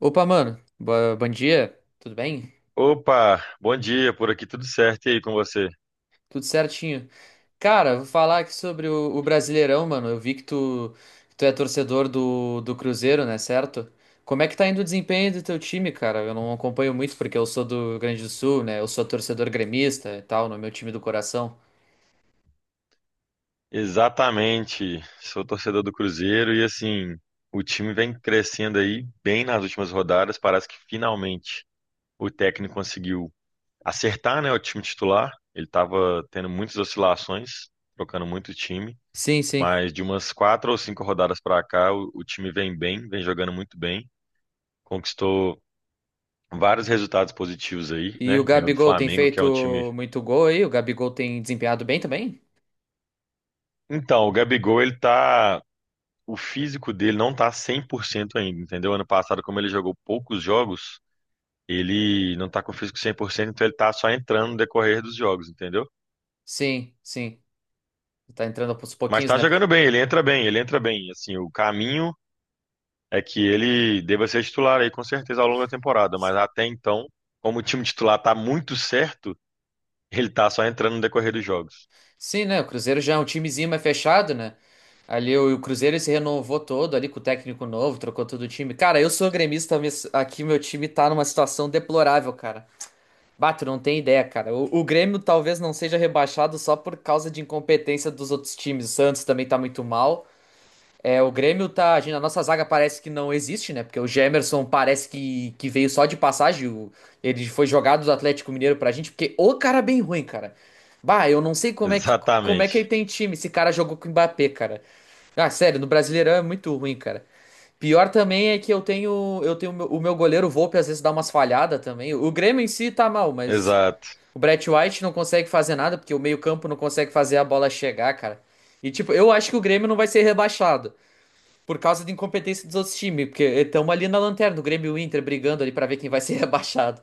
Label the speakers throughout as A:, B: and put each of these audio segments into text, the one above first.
A: Opa, mano. Bom dia. Tudo bem?
B: Opa, bom dia, por aqui tudo certo e aí com você?
A: Tudo certinho. Cara, vou falar aqui sobre o Brasileirão, mano. Eu vi que tu é torcedor do Cruzeiro, né? Certo? Como é que tá indo o desempenho do teu time, cara? Eu não acompanho muito porque eu sou do Rio Grande do Sul, né? Eu sou torcedor gremista e tal, no meu time do coração.
B: Exatamente, sou torcedor do Cruzeiro e assim, o time vem crescendo aí bem nas últimas rodadas, parece que finalmente o técnico conseguiu acertar, né, o time titular. Ele estava tendo muitas oscilações, trocando muito time,
A: Sim, sim.
B: mas de umas quatro ou cinco rodadas para cá, o time vem bem, vem jogando muito bem, conquistou vários resultados positivos aí,
A: E o
B: né? Ganhou do
A: Gabigol tem
B: Flamengo, que é um time.
A: feito muito gol aí? O Gabigol tem desempenhado bem também?
B: Então, o Gabigol, ele tá o físico dele não tá 100% ainda, entendeu? Ano passado, como ele jogou poucos jogos, ele não tá com o físico 100%, então ele tá só entrando no decorrer dos jogos, entendeu?
A: Sim, sim. Tá entrando aos
B: Mas
A: pouquinhos,
B: tá
A: né?
B: jogando bem, ele entra bem, ele entra bem. Assim, o caminho é que ele deva ser titular aí com certeza ao longo da temporada, mas até então, como o time titular tá muito certo, ele tá só entrando no decorrer dos jogos.
A: Sim, né? O Cruzeiro já é um timezinho mais fechado, né? Ali o Cruzeiro ele se renovou todo ali com o técnico novo, trocou todo o time. Cara, eu sou gremista, mas aqui meu time tá numa situação deplorável, cara. Bato, não tem ideia, cara. O Grêmio talvez não seja rebaixado só por causa de incompetência dos outros times. O Santos também tá muito mal. É, o Grêmio tá agindo. A nossa zaga parece que não existe, né? Porque o Gemerson parece que veio só de passagem. Ele foi jogado do Atlético Mineiro pra gente, porque o cara é bem ruim, cara. Bah, eu não sei como é que ele
B: Exatamente.
A: tem time. Esse cara jogou com o Mbappé, cara. Ah, sério, no Brasileirão é muito ruim, cara. Pior também é que eu tenho o meu goleiro Volpe às vezes dá umas falhadas também. O Grêmio em si tá mal, mas
B: Exato,
A: o Brett White não consegue fazer nada, porque o meio-campo não consegue fazer a bola chegar, cara. E tipo, eu acho que o Grêmio não vai ser rebaixado. Por causa de incompetência dos outros times, porque estamos ali na lanterna, o Grêmio e o Inter brigando ali pra ver quem vai ser rebaixado.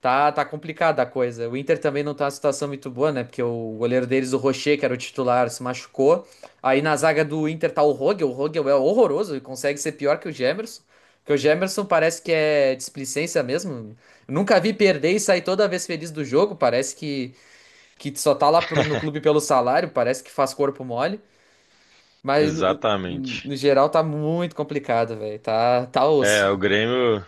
A: Tá, tá complicada a coisa. O Inter também não tá numa situação muito boa, né? Porque o goleiro deles, o Rocher, que era o titular, se machucou. Aí na zaga do Inter tá o Rogel. O Rogel é horroroso e consegue ser pior que o Gemerson. Porque o Gemerson parece que é displicência mesmo. Nunca vi perder e sair toda vez feliz do jogo. Parece que só tá lá no clube pelo salário, parece que faz corpo mole. Mas
B: exatamente.
A: no geral tá muito complicado, velho. Tá, tá
B: É,
A: osso.
B: o Grêmio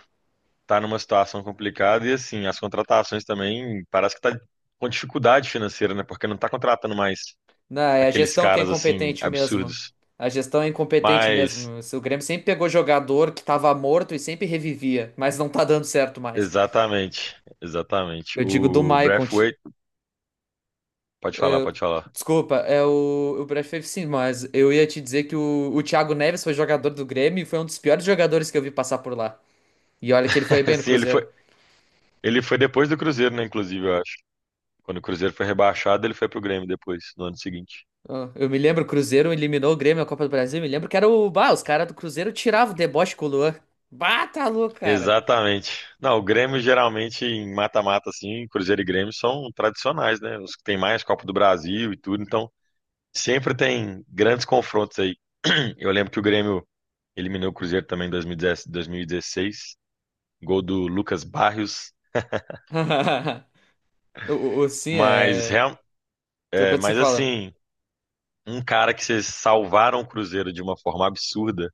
B: tá numa situação complicada e assim, as contratações também parece que tá com dificuldade financeira, né? Porque não tá contratando mais
A: Não, é a
B: aqueles
A: gestão que é
B: caras assim
A: incompetente mesmo.
B: absurdos.
A: A gestão é incompetente
B: Mas
A: mesmo. O Grêmio sempre pegou jogador que tava morto e sempre revivia, mas não tá dando certo mais.
B: exatamente, exatamente.
A: Eu digo do
B: O
A: Maicon.
B: Braithwaite, pode falar,
A: É,
B: pode falar.
A: Desculpa, é o prefiro sim, mas eu ia te dizer que o Thiago Neves foi jogador do Grêmio e foi um dos piores jogadores que eu vi passar por lá. E olha que ele foi bem no
B: Assim,
A: Cruzeiro.
B: ele foi depois do Cruzeiro, né, inclusive, eu acho. Quando o Cruzeiro foi rebaixado, ele foi pro Grêmio depois, no ano seguinte.
A: Ah, eu me lembro, o Cruzeiro eliminou o Grêmio na Copa do Brasil. Me lembro que era o. Bah, os caras do Cruzeiro tiravam o deboche com o Luan. Bah, tá louco, cara.
B: Exatamente. Não, o Grêmio geralmente em mata-mata assim, Cruzeiro e Grêmio são tradicionais, né? Os que tem mais Copa do Brasil e tudo, então sempre tem grandes confrontos aí. Eu lembro que o Grêmio eliminou o Cruzeiro também em 2010 2016, gol do Lucas Barrios.
A: Sim,
B: Mas,
A: é. Tu
B: é,
A: pode ser que
B: mas
A: fala.
B: assim, um cara que vocês salvaram o Cruzeiro de uma forma absurda,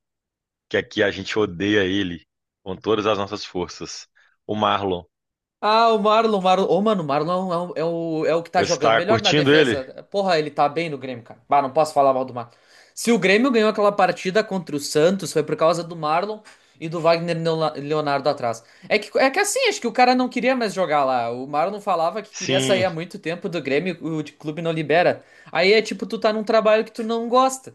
B: que aqui a gente odeia ele com todas as nossas forças. O Marlon.
A: Ah, o Marlon, Marlon. Ô, mano, o Marlon é o, é um, é o é o que tá
B: Você
A: jogando
B: está
A: melhor na
B: curtindo ele?
A: defesa. Porra, ele tá bem no Grêmio, cara. Bah, não posso falar mal do Marlon. Se o Grêmio ganhou aquela partida contra o Santos, foi por causa do Marlon e do Wagner Leonardo atrás. É que assim, acho que o cara não queria mais jogar lá. O Marlon falava que queria sair
B: Sim,
A: há muito tempo do Grêmio, o de clube não libera. Aí é tipo, tu tá num trabalho que tu não gosta.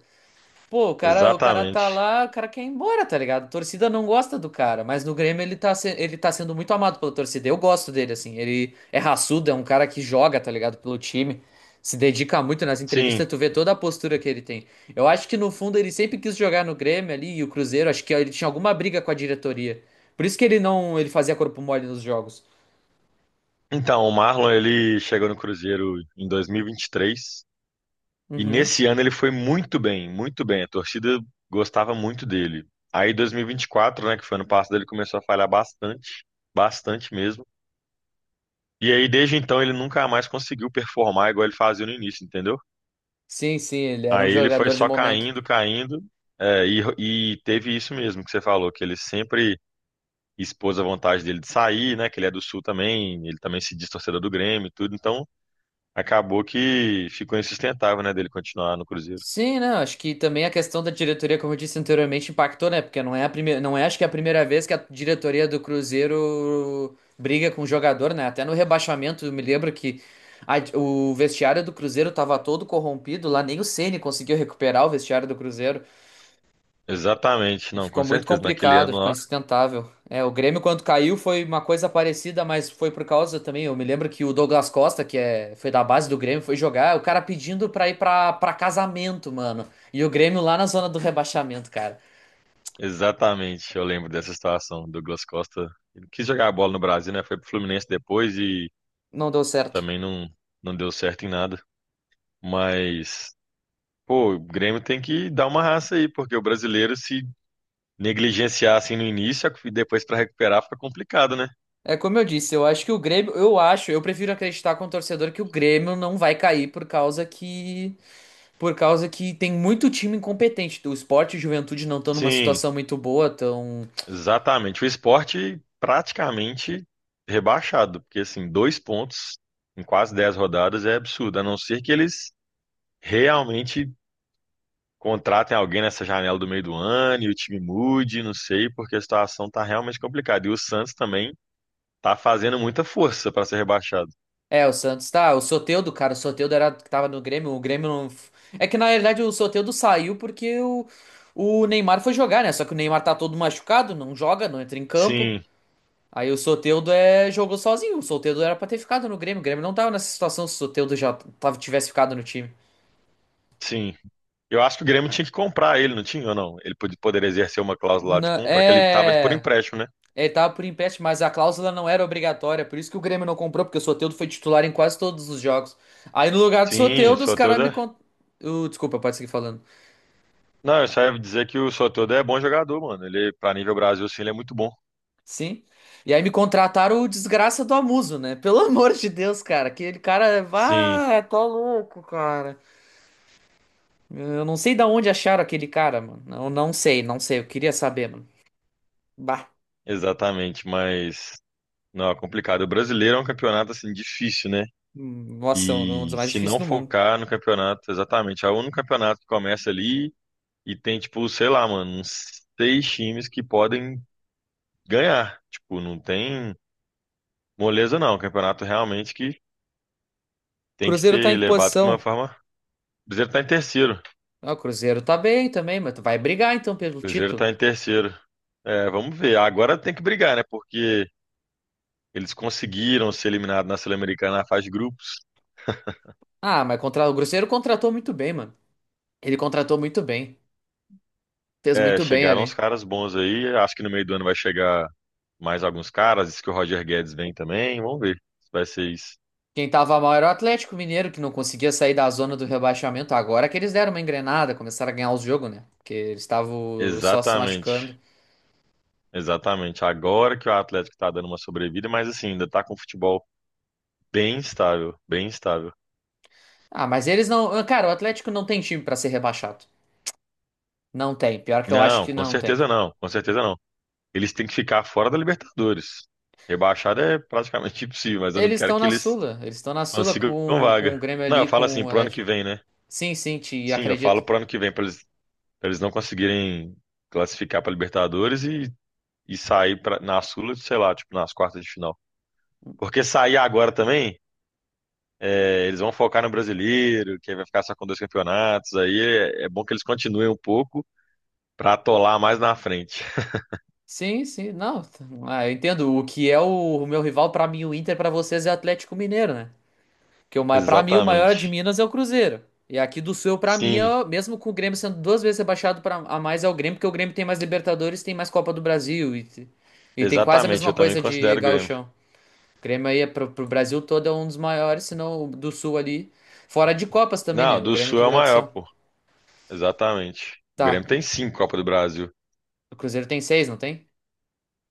A: Pô, o cara tá
B: exatamente.
A: lá, o cara quer ir embora, tá ligado? A torcida não gosta do cara, mas no Grêmio ele ele tá sendo muito amado pela torcida. Eu gosto dele, assim. Ele é raçudo, é um cara que joga, tá ligado? Pelo time, se dedica muito nas
B: Sim.
A: entrevistas, tu vê toda a postura que ele tem. Eu acho que no fundo ele sempre quis jogar no Grêmio ali e o Cruzeiro, acho que ele tinha alguma briga com a diretoria. Por isso que ele não, ele fazia corpo mole nos jogos.
B: Então, o Marlon ele chegou no Cruzeiro em 2023. E
A: Uhum.
B: nesse ano ele foi muito bem, muito bem. A torcida gostava muito dele. Aí 2024, né, que foi ano passado, ele começou a falhar bastante, bastante mesmo. E aí desde então ele nunca mais conseguiu performar igual ele fazia no início, entendeu?
A: Sim, sim, ele era um
B: Aí ele foi
A: jogador de
B: só
A: momento.
B: caindo, caindo, é, e teve isso mesmo que você falou, que ele sempre expôs a vontade dele de sair, né, que ele é do Sul também, ele também se diz torcedor do Grêmio e tudo, então acabou que ficou insustentável, né, dele continuar no Cruzeiro.
A: Sim, né? Acho que também a questão da diretoria, como eu disse anteriormente, impactou, né? Porque não é a primeira, não é, acho que é a primeira vez que a diretoria do Cruzeiro briga com o jogador, né? Até no rebaixamento, eu me lembro que o vestiário do Cruzeiro tava todo corrompido, lá nem o Ceni conseguiu recuperar o vestiário do Cruzeiro.
B: Exatamente, não, com
A: Ficou muito
B: certeza. Naquele
A: complicado,
B: ano
A: ficou
B: lá,
A: insustentável. É, o Grêmio quando caiu foi uma coisa parecida, mas foi por causa também. Eu me lembro que o Douglas Costa, foi da base do Grêmio, foi jogar, o cara pedindo pra ir pra casamento, mano. E o Grêmio lá na zona do rebaixamento, cara.
B: exatamente, eu lembro dessa situação. O Douglas Costa ele quis jogar a bola no Brasil, né? Foi pro Fluminense depois e
A: Não deu certo.
B: também não, não deu certo em nada. Mas, pô, o Grêmio tem que dar uma raça aí, porque o brasileiro se negligenciar assim no início e depois pra recuperar fica complicado, né?
A: É como eu disse, eu acho que o Grêmio, eu acho, eu prefiro acreditar como torcedor que o Grêmio não vai cair por causa que tem muito time incompetente. O Sport e o Juventude não estão numa
B: Sim,
A: situação muito boa, estão.
B: exatamente. O esporte praticamente rebaixado, porque assim, dois pontos em quase 10 rodadas é absurdo, a não ser que eles realmente contratem alguém nessa janela do meio do ano e o time mude, não sei, porque a situação tá realmente complicada. E o Santos também tá fazendo muita força para ser rebaixado.
A: É, o Santos tá. O Soteldo, cara, o Soteldo era que tava no Grêmio. O Grêmio não. É que na realidade o Soteldo saiu porque o Neymar foi jogar, né? Só que o Neymar tá todo machucado, não joga, não entra em campo.
B: Sim,
A: Aí o Soteldo jogou sozinho. O Soteldo era pra ter ficado no Grêmio. O Grêmio não tava nessa situação se o Soteldo já tava, tivesse ficado no time.
B: sim. Eu acho que o Grêmio tinha que comprar ele, não tinha ou não? Ele poderia exercer uma cláusula de compra, que ele tava por
A: É.
B: empréstimo, né?
A: Ele tava por empréstimo, mas a cláusula não era obrigatória. Por isso que o Grêmio não comprou, porque o Soteldo foi titular em quase todos os jogos. Aí no lugar do
B: Sim, o
A: Soteldo, os caras
B: Soteldo é...
A: uh, desculpa, pode seguir falando.
B: Não, eu só ia dizer que o Soteldo é bom jogador, mano. Ele, pra nível Brasil, sim, ele é muito bom.
A: Sim. E aí me contrataram o desgraça do Amuso, né? Pelo amor de Deus, cara. Aquele cara.
B: Sim,
A: Ah, tô louco, cara. Eu não sei da onde acharam aquele cara, mano. Não, não sei, não sei. Eu queria saber, mano. Bah.
B: exatamente, mas... Não, é complicado. O brasileiro é um campeonato, assim, difícil, né?
A: Nossa, é um dos
B: E
A: mais
B: se
A: difíceis
B: não
A: do mundo.
B: focar no campeonato, exatamente, é o único campeonato que começa ali e tem, tipo, sei lá, mano, uns seis times que podem ganhar. Tipo, não tem moleza, não. O campeonato realmente que tem que
A: Cruzeiro tá em
B: ser
A: que
B: levado com uma
A: posição?
B: forma. O Cruzeiro tá em terceiro. O
A: Ah, o Cruzeiro tá bem também, mas tu vai brigar então pelo
B: Cruzeiro
A: título.
B: tá em terceiro. É, vamos ver. Agora tem que brigar, né? Porque eles conseguiram ser eliminados na Sul-Americana na fase de grupos.
A: Ah, mas contra... o Cruzeiro contratou muito bem, mano. Ele contratou muito bem. Fez
B: É,
A: muito bem
B: chegaram os
A: ali.
B: caras bons aí. Acho que no meio do ano vai chegar mais alguns caras. Diz que o Roger Guedes vem também. Vamos ver se vai ser isso.
A: Quem tava mal era o Atlético Mineiro, que não conseguia sair da zona do rebaixamento. Agora que eles deram uma engrenada, começaram a ganhar os jogos, né? Porque eles estavam só se
B: Exatamente.
A: machucando.
B: Exatamente. Agora que o Atlético tá dando uma sobrevida, mas assim, ainda tá com o futebol bem estável, bem estável.
A: Ah, mas eles não. ah, cara, o Atlético não tem time pra ser rebaixado. Não tem. Pior que eu acho
B: Não,
A: que
B: com
A: não tem.
B: certeza não, com certeza não. Eles têm que ficar fora da Libertadores. Rebaixada é praticamente impossível, mas eu não
A: Eles
B: quero
A: estão
B: que
A: na
B: eles
A: Sula. Eles estão na Sula
B: consigam
A: com o
B: vaga.
A: Grêmio
B: Não, eu
A: ali,
B: falo
A: com
B: assim,
A: o
B: pro ano que
A: Atlético.
B: vem, né?
A: Sim, sim, te
B: Sim, eu
A: acredito.
B: falo pro ano que vem, pra eles não conseguirem classificar pra Libertadores e sair na Sula, sei lá, tipo, nas quartas de final. Porque sair agora também, é, eles vão focar no brasileiro, que aí vai ficar só com dois campeonatos. Aí é bom que eles continuem um pouco pra atolar mais na frente.
A: Sim, sim. Não. t- Ah, eu entendo. O que é o meu rival pra mim, o Inter, pra vocês é o Atlético Mineiro, né? Porque pra mim, o maior é de
B: Exatamente.
A: Minas é o Cruzeiro. E aqui do Sul, pra mim,
B: Sim,
A: mesmo com o Grêmio sendo duas vezes rebaixado a mais, é o Grêmio, porque o Grêmio tem mais Libertadores, tem mais Copa do Brasil e tem quase a
B: exatamente.
A: mesma
B: Eu também
A: coisa de
B: considero o Grêmio.
A: gauchão. O Grêmio aí é pro Brasil todo é um dos maiores, se não o do Sul ali. Fora de Copas também, né?
B: Não,
A: O
B: do
A: Grêmio
B: Sul é
A: tem
B: o maior,
A: tradição.
B: pô. Exatamente. O
A: Tá,
B: Grêmio tem
A: e
B: cinco Copa do Brasil. O
A: o Cruzeiro tem seis, não tem?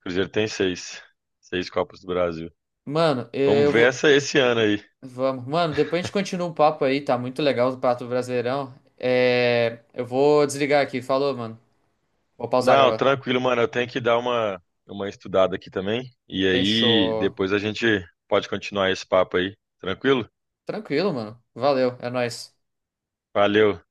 B: Cruzeiro tem seis. Seis Copas do Brasil.
A: Mano,
B: Vamos
A: eu
B: ver
A: vou.
B: essa esse ano aí.
A: Vamos. Mano, depois a gente continua o papo aí, tá muito legal o Pato Brasileirão. É, eu vou desligar aqui, falou, mano. Vou pausar a
B: Não,
A: gravação.
B: tranquilo, mano. Eu tenho que dar uma estudada aqui também. E aí,
A: Fechou.
B: depois a gente pode continuar esse papo aí. Tranquilo?
A: Tranquilo, mano. Valeu, é nóis.
B: Valeu.